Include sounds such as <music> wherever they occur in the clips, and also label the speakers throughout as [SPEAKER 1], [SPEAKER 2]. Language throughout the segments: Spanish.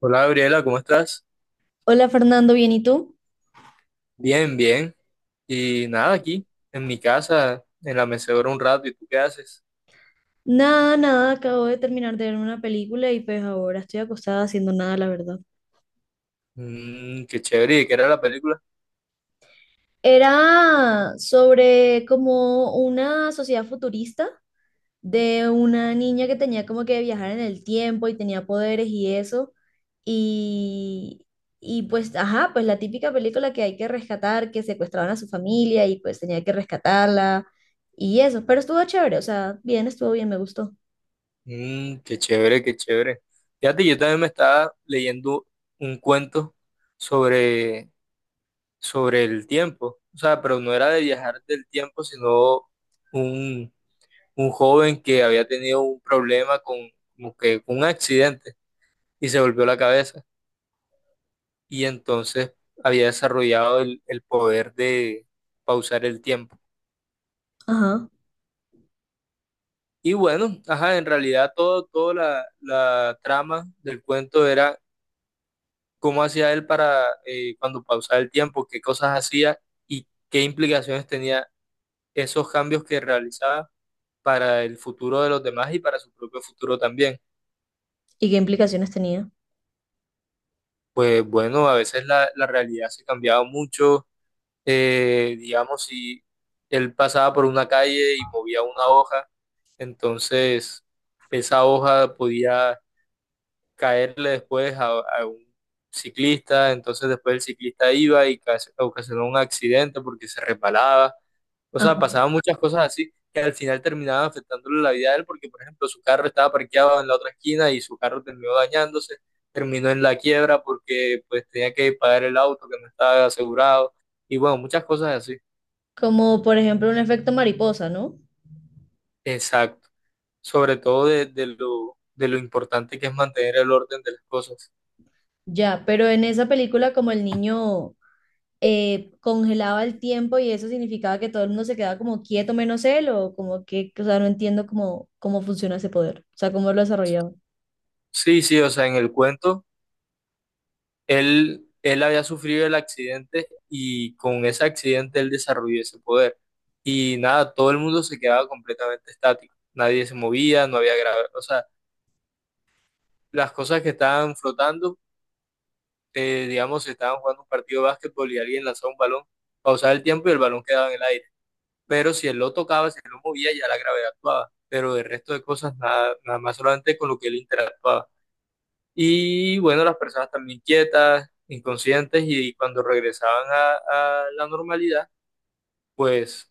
[SPEAKER 1] Hola Gabriela, ¿cómo estás?
[SPEAKER 2] Hola Fernando, ¿bien y tú?
[SPEAKER 1] Bien, bien. Y nada, aquí, en mi casa, en la mecedora un rato, ¿y tú qué haces?
[SPEAKER 2] Nada, nada, acabo de terminar de ver una película y pues ahora estoy acostada haciendo nada, la verdad.
[SPEAKER 1] Mm, qué chévere, ¿y qué era la película?
[SPEAKER 2] Era sobre como una sociedad futurista de una niña que tenía como que viajar en el tiempo y tenía poderes y eso. Y, y pues, ajá, pues la típica película que hay que rescatar, que secuestraban a su familia y pues tenía que rescatarla y eso. Pero estuvo chévere, o sea, bien, estuvo bien, me gustó.
[SPEAKER 1] Mm, qué chévere, qué chévere. Fíjate, yo también me estaba leyendo un cuento sobre, sobre el tiempo. O sea, pero no era de viajar del tiempo, sino un, un joven que había tenido un problema con un accidente y se volvió la cabeza. Y entonces había desarrollado el poder de pausar el tiempo.
[SPEAKER 2] Ajá.
[SPEAKER 1] Y bueno, ajá, en realidad toda la trama del cuento era cómo hacía él para, cuando pausaba el tiempo, qué cosas hacía y qué implicaciones tenía esos cambios que realizaba para el futuro de los demás y para su propio futuro también.
[SPEAKER 2] ¿Y qué implicaciones tenía?
[SPEAKER 1] Pues bueno, a veces la realidad se cambiaba mucho, digamos, si él pasaba por una calle y movía una hoja, entonces esa hoja podía caerle después a un ciclista, entonces después el ciclista iba y ocasionó un accidente porque se resbalaba, o sea, pasaban muchas cosas así que al final terminaban afectándole la vida a él porque, por ejemplo, su carro estaba parqueado en la otra esquina y su carro terminó dañándose, terminó en la quiebra porque pues tenía que pagar el auto que no estaba asegurado y bueno, muchas cosas así.
[SPEAKER 2] Como por ejemplo un efecto mariposa, ¿no?
[SPEAKER 1] Exacto, sobre todo de lo importante que es mantener el orden de las cosas.
[SPEAKER 2] Ya, pero en esa película como el niño congelaba el tiempo y eso significaba que todo el mundo se quedaba como quieto menos él o como que, o sea, no entiendo cómo, cómo funciona ese poder, o sea, cómo lo desarrollaba.
[SPEAKER 1] Sí, sí, o sea, en el cuento, él había sufrido el accidente y con ese accidente él desarrolló ese poder. Y nada, todo el mundo se quedaba completamente estático, nadie se movía, no había grave, o sea, las cosas que estaban flotando, digamos, si estaban jugando un partido de básquetbol y alguien lanzaba un balón, pausaba el tiempo y el balón quedaba en el aire. Pero si él lo tocaba, si él lo movía, ya la gravedad actuaba, pero del resto de cosas nada, nada más solamente con lo que él interactuaba. Y bueno, las personas también quietas, inconscientes, y cuando regresaban a la normalidad, pues,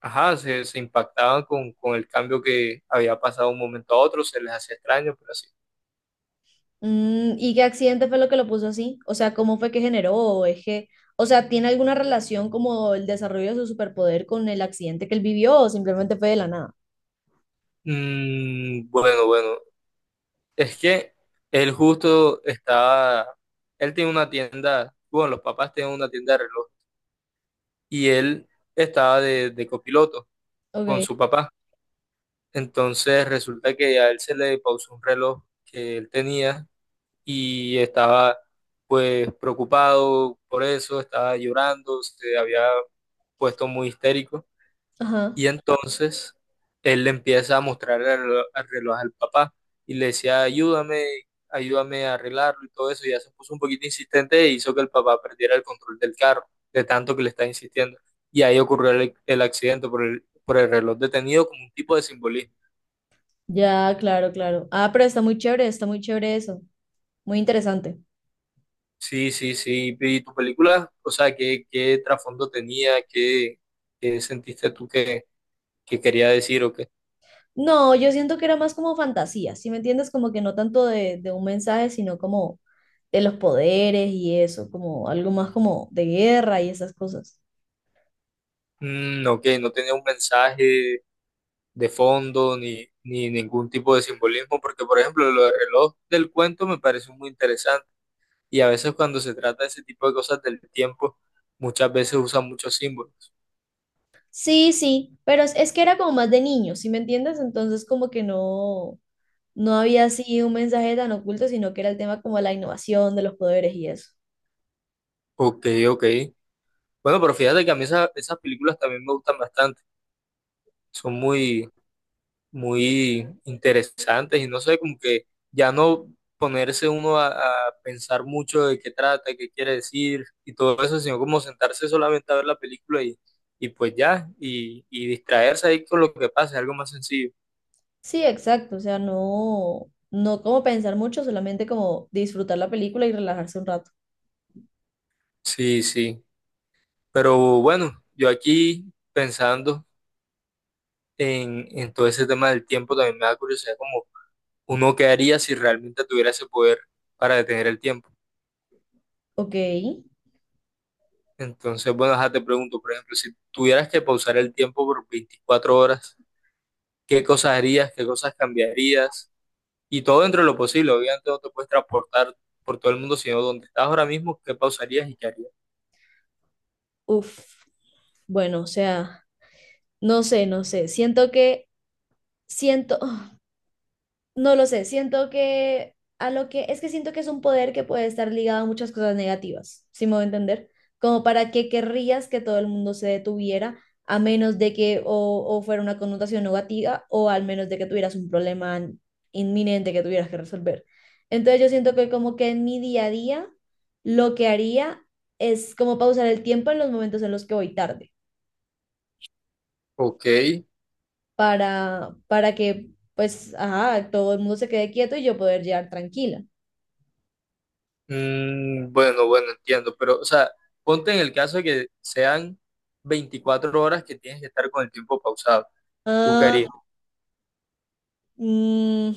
[SPEAKER 1] ajá, se impactaban con el cambio que había pasado de un momento a otro, se les hacía extraño, pero así.
[SPEAKER 2] Mm, ¿y qué accidente fue lo que lo puso así? O sea, ¿cómo fue que generó? ¿O es que, o sea, tiene alguna relación como el desarrollo de su superpoder con el accidente que él vivió o simplemente fue de la nada?
[SPEAKER 1] Mm, bueno, bueno, es que él justo estaba, él tiene una tienda, bueno, los papás tienen una tienda de relojes y él estaba de copiloto con
[SPEAKER 2] Ok,
[SPEAKER 1] su papá. Entonces resulta que a él se le pausó un reloj que él tenía y estaba pues preocupado por eso, estaba llorando, se había puesto muy histérico
[SPEAKER 2] ajá,
[SPEAKER 1] y entonces él le empieza a mostrar el reloj al papá y le decía, ayúdame, ayúdame a arreglarlo y todo eso. Y ya se puso un poquito insistente e hizo que el papá perdiera el control del carro, de tanto que le está insistiendo. Y ahí ocurrió el accidente por por el reloj detenido como un tipo de simbolismo.
[SPEAKER 2] ya, claro, claro. Ah, pero está muy chévere eso, muy interesante.
[SPEAKER 1] Sí, sí, sí. ¿Y tu película? O sea, ¿qué trasfondo tenía? ¿Qué sentiste tú que quería decir o qué?
[SPEAKER 2] No, yo siento que era más como fantasía, ¿sí me entiendes? Como que no tanto de un mensaje, sino como de los poderes y eso, como algo más como de guerra y esas cosas.
[SPEAKER 1] Mm, ok, no tenía un mensaje de fondo ni ningún tipo de simbolismo, porque por ejemplo lo del reloj del cuento me parece muy interesante y a veces cuando se trata de ese tipo de cosas del tiempo, muchas veces usan muchos símbolos.
[SPEAKER 2] Sí, sí, pero es que era como más de niños, ¿sí me entiendes? Entonces como que no, no había así un mensaje tan oculto, sino que era el tema como de la innovación, de los poderes y eso.
[SPEAKER 1] Ok, ok. Bueno, pero fíjate que a mí esas películas también me gustan bastante, son muy muy interesantes y no sé, como que ya no ponerse uno a pensar mucho de qué trata, qué quiere decir y todo eso, sino como sentarse solamente a ver la película y pues ya, y distraerse ahí con lo que pasa, es algo más sencillo.
[SPEAKER 2] Sí, exacto, o sea, no, no como pensar mucho, solamente como disfrutar la película y relajarse un rato.
[SPEAKER 1] Sí, sí, pero bueno, yo aquí pensando en todo ese tema del tiempo también me da curiosidad como uno qué haría si realmente tuviera ese poder para detener el tiempo.
[SPEAKER 2] Ok,
[SPEAKER 1] Entonces, bueno, ajá, te pregunto, por ejemplo, si tuvieras que pausar el tiempo por 24 horas, ¿qué cosas harías? ¿Qué cosas cambiarías? Y todo dentro de lo posible. Obviamente no te puedes transportar por todo el mundo, sino donde estás ahora mismo, ¿qué pausarías y qué harías?
[SPEAKER 2] uff, bueno, o sea... No sé, no sé. Siento que, siento, <sighs> no lo sé. Siento que a lo que, es que siento que es un poder que puede estar ligado a muchas cosas negativas, si me voy a entender. Como para qué querrías que todo el mundo se detuviera, a menos de que o fuera una connotación negativa, o al menos de que tuvieras un problema inminente que tuvieras que resolver. Entonces yo siento que como que en mi día a día, lo que haría es como pausar el tiempo en los momentos en los que voy tarde
[SPEAKER 1] Ok.
[SPEAKER 2] para que pues, ajá, todo el mundo se quede quieto y yo poder llegar tranquila.
[SPEAKER 1] Mm, bueno, bueno, entiendo. Pero, o sea, ponte en el caso de que sean 24 horas que tienes que estar con el tiempo pausado. ¿Tú qué harías?
[SPEAKER 2] Ah, mm,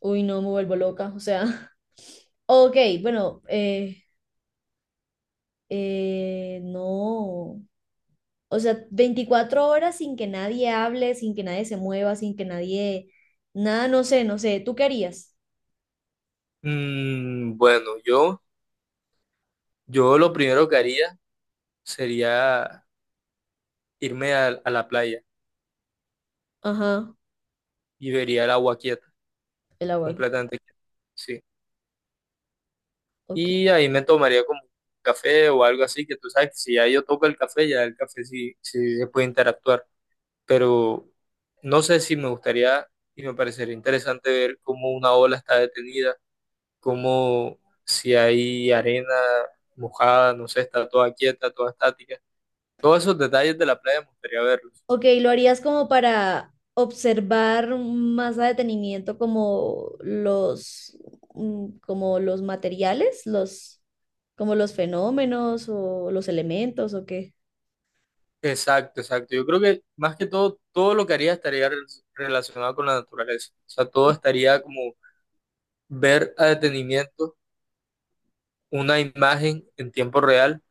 [SPEAKER 2] uy, no, me vuelvo loca, o sea, <laughs> ok, bueno, no, o sea, 24 horas sin que nadie hable, sin que nadie se mueva, sin que nadie, nada, no sé, no sé, ¿tú qué harías?
[SPEAKER 1] Mm, bueno, yo lo primero que haría sería irme a la playa
[SPEAKER 2] Ajá,
[SPEAKER 1] y vería el agua quieta,
[SPEAKER 2] el agua.
[SPEAKER 1] completamente quieta. Sí.
[SPEAKER 2] Ok.
[SPEAKER 1] Y ahí me tomaría como un café o algo así, que tú sabes que si ya yo toco el café, ya el café sí, sí se puede interactuar. Pero no sé si me gustaría y me parecería interesante ver cómo una ola está detenida, cómo si hay arena mojada, no sé, está toda quieta, toda estática. Todos esos detalles de la playa me gustaría verlos.
[SPEAKER 2] Ok, ¿lo harías como para observar más a detenimiento como los, mm, como los materiales, los, como los fenómenos o los elementos o qué?
[SPEAKER 1] Exacto, exacto. Yo creo que más que todo, todo lo que haría estaría relacionado con la naturaleza. O sea, todo estaría como ver a detenimiento una imagen en tiempo real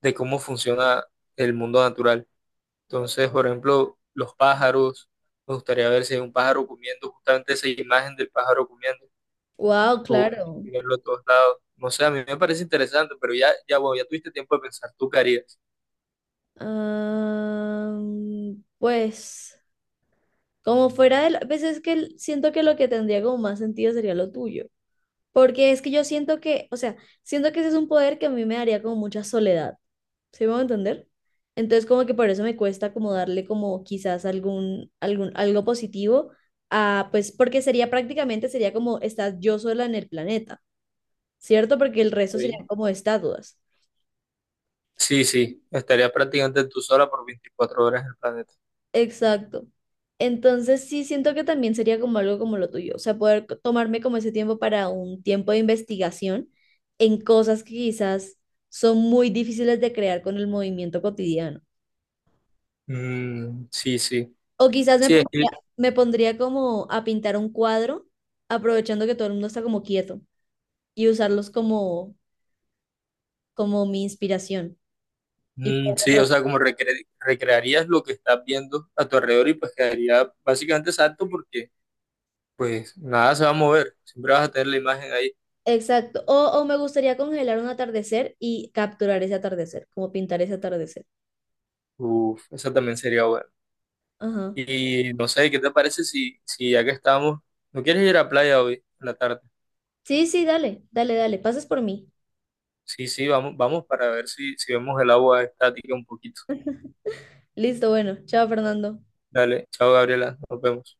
[SPEAKER 1] de cómo funciona el mundo natural. Entonces, por ejemplo, los pájaros, me gustaría ver si hay un pájaro comiendo, justamente esa imagen del pájaro comiendo,
[SPEAKER 2] Wow,
[SPEAKER 1] o
[SPEAKER 2] claro.
[SPEAKER 1] verlo a todos lados. No sé, a mí me parece interesante, pero ya, ya, bueno, ya tuviste tiempo de pensar, ¿tú qué harías?
[SPEAKER 2] Ah, pues, como fuera de la, pues es que el- siento que lo que tendría como más sentido sería lo tuyo. Porque es que yo siento que, o sea, siento que ese es un poder que a mí me daría como mucha soledad. ¿Sí me voy a entender? Entonces como que por eso me cuesta como darle como quizás algún, algún, algo positivo a, pues porque sería prácticamente, sería como estás yo sola en el planeta, ¿cierto? Porque el resto
[SPEAKER 1] ¿Sí?
[SPEAKER 2] serían como estatuas.
[SPEAKER 1] Sí, sí, estaría prácticamente tú sola por 24 horas en el planeta.
[SPEAKER 2] Exacto. Entonces sí siento que también sería como algo como lo tuyo, o sea, poder co- tomarme como ese tiempo para un tiempo de investigación en cosas que quizás son muy difíciles de crear con el movimiento cotidiano.
[SPEAKER 1] Mm, sí, sí.
[SPEAKER 2] O quizás
[SPEAKER 1] Sí, es que-
[SPEAKER 2] me pondría como a pintar un cuadro, aprovechando que todo el mundo está como quieto y usarlos como, como mi inspiración. Y
[SPEAKER 1] mm,
[SPEAKER 2] poder
[SPEAKER 1] sí, o
[SPEAKER 2] retratar.
[SPEAKER 1] sea, como recrearías lo que estás viendo a tu alrededor y pues quedaría básicamente exacto porque pues nada se va a mover, siempre vas a tener la imagen ahí.
[SPEAKER 2] Exacto. O me gustaría congelar un atardecer y capturar ese atardecer, como pintar ese atardecer.
[SPEAKER 1] Uf, esa también sería buena.
[SPEAKER 2] Ajá.
[SPEAKER 1] Y no sé, ¿qué te parece si, si ya que estamos, no quieres ir a playa hoy en la tarde?
[SPEAKER 2] Sí, sí, dale, dale, dale. Pases por mí.
[SPEAKER 1] Sí, sí, vamos, vamos para ver si, si vemos el agua estática un poquito.
[SPEAKER 2] Listo, bueno. Chao, Fernando.
[SPEAKER 1] Dale, chao Gabriela, nos vemos.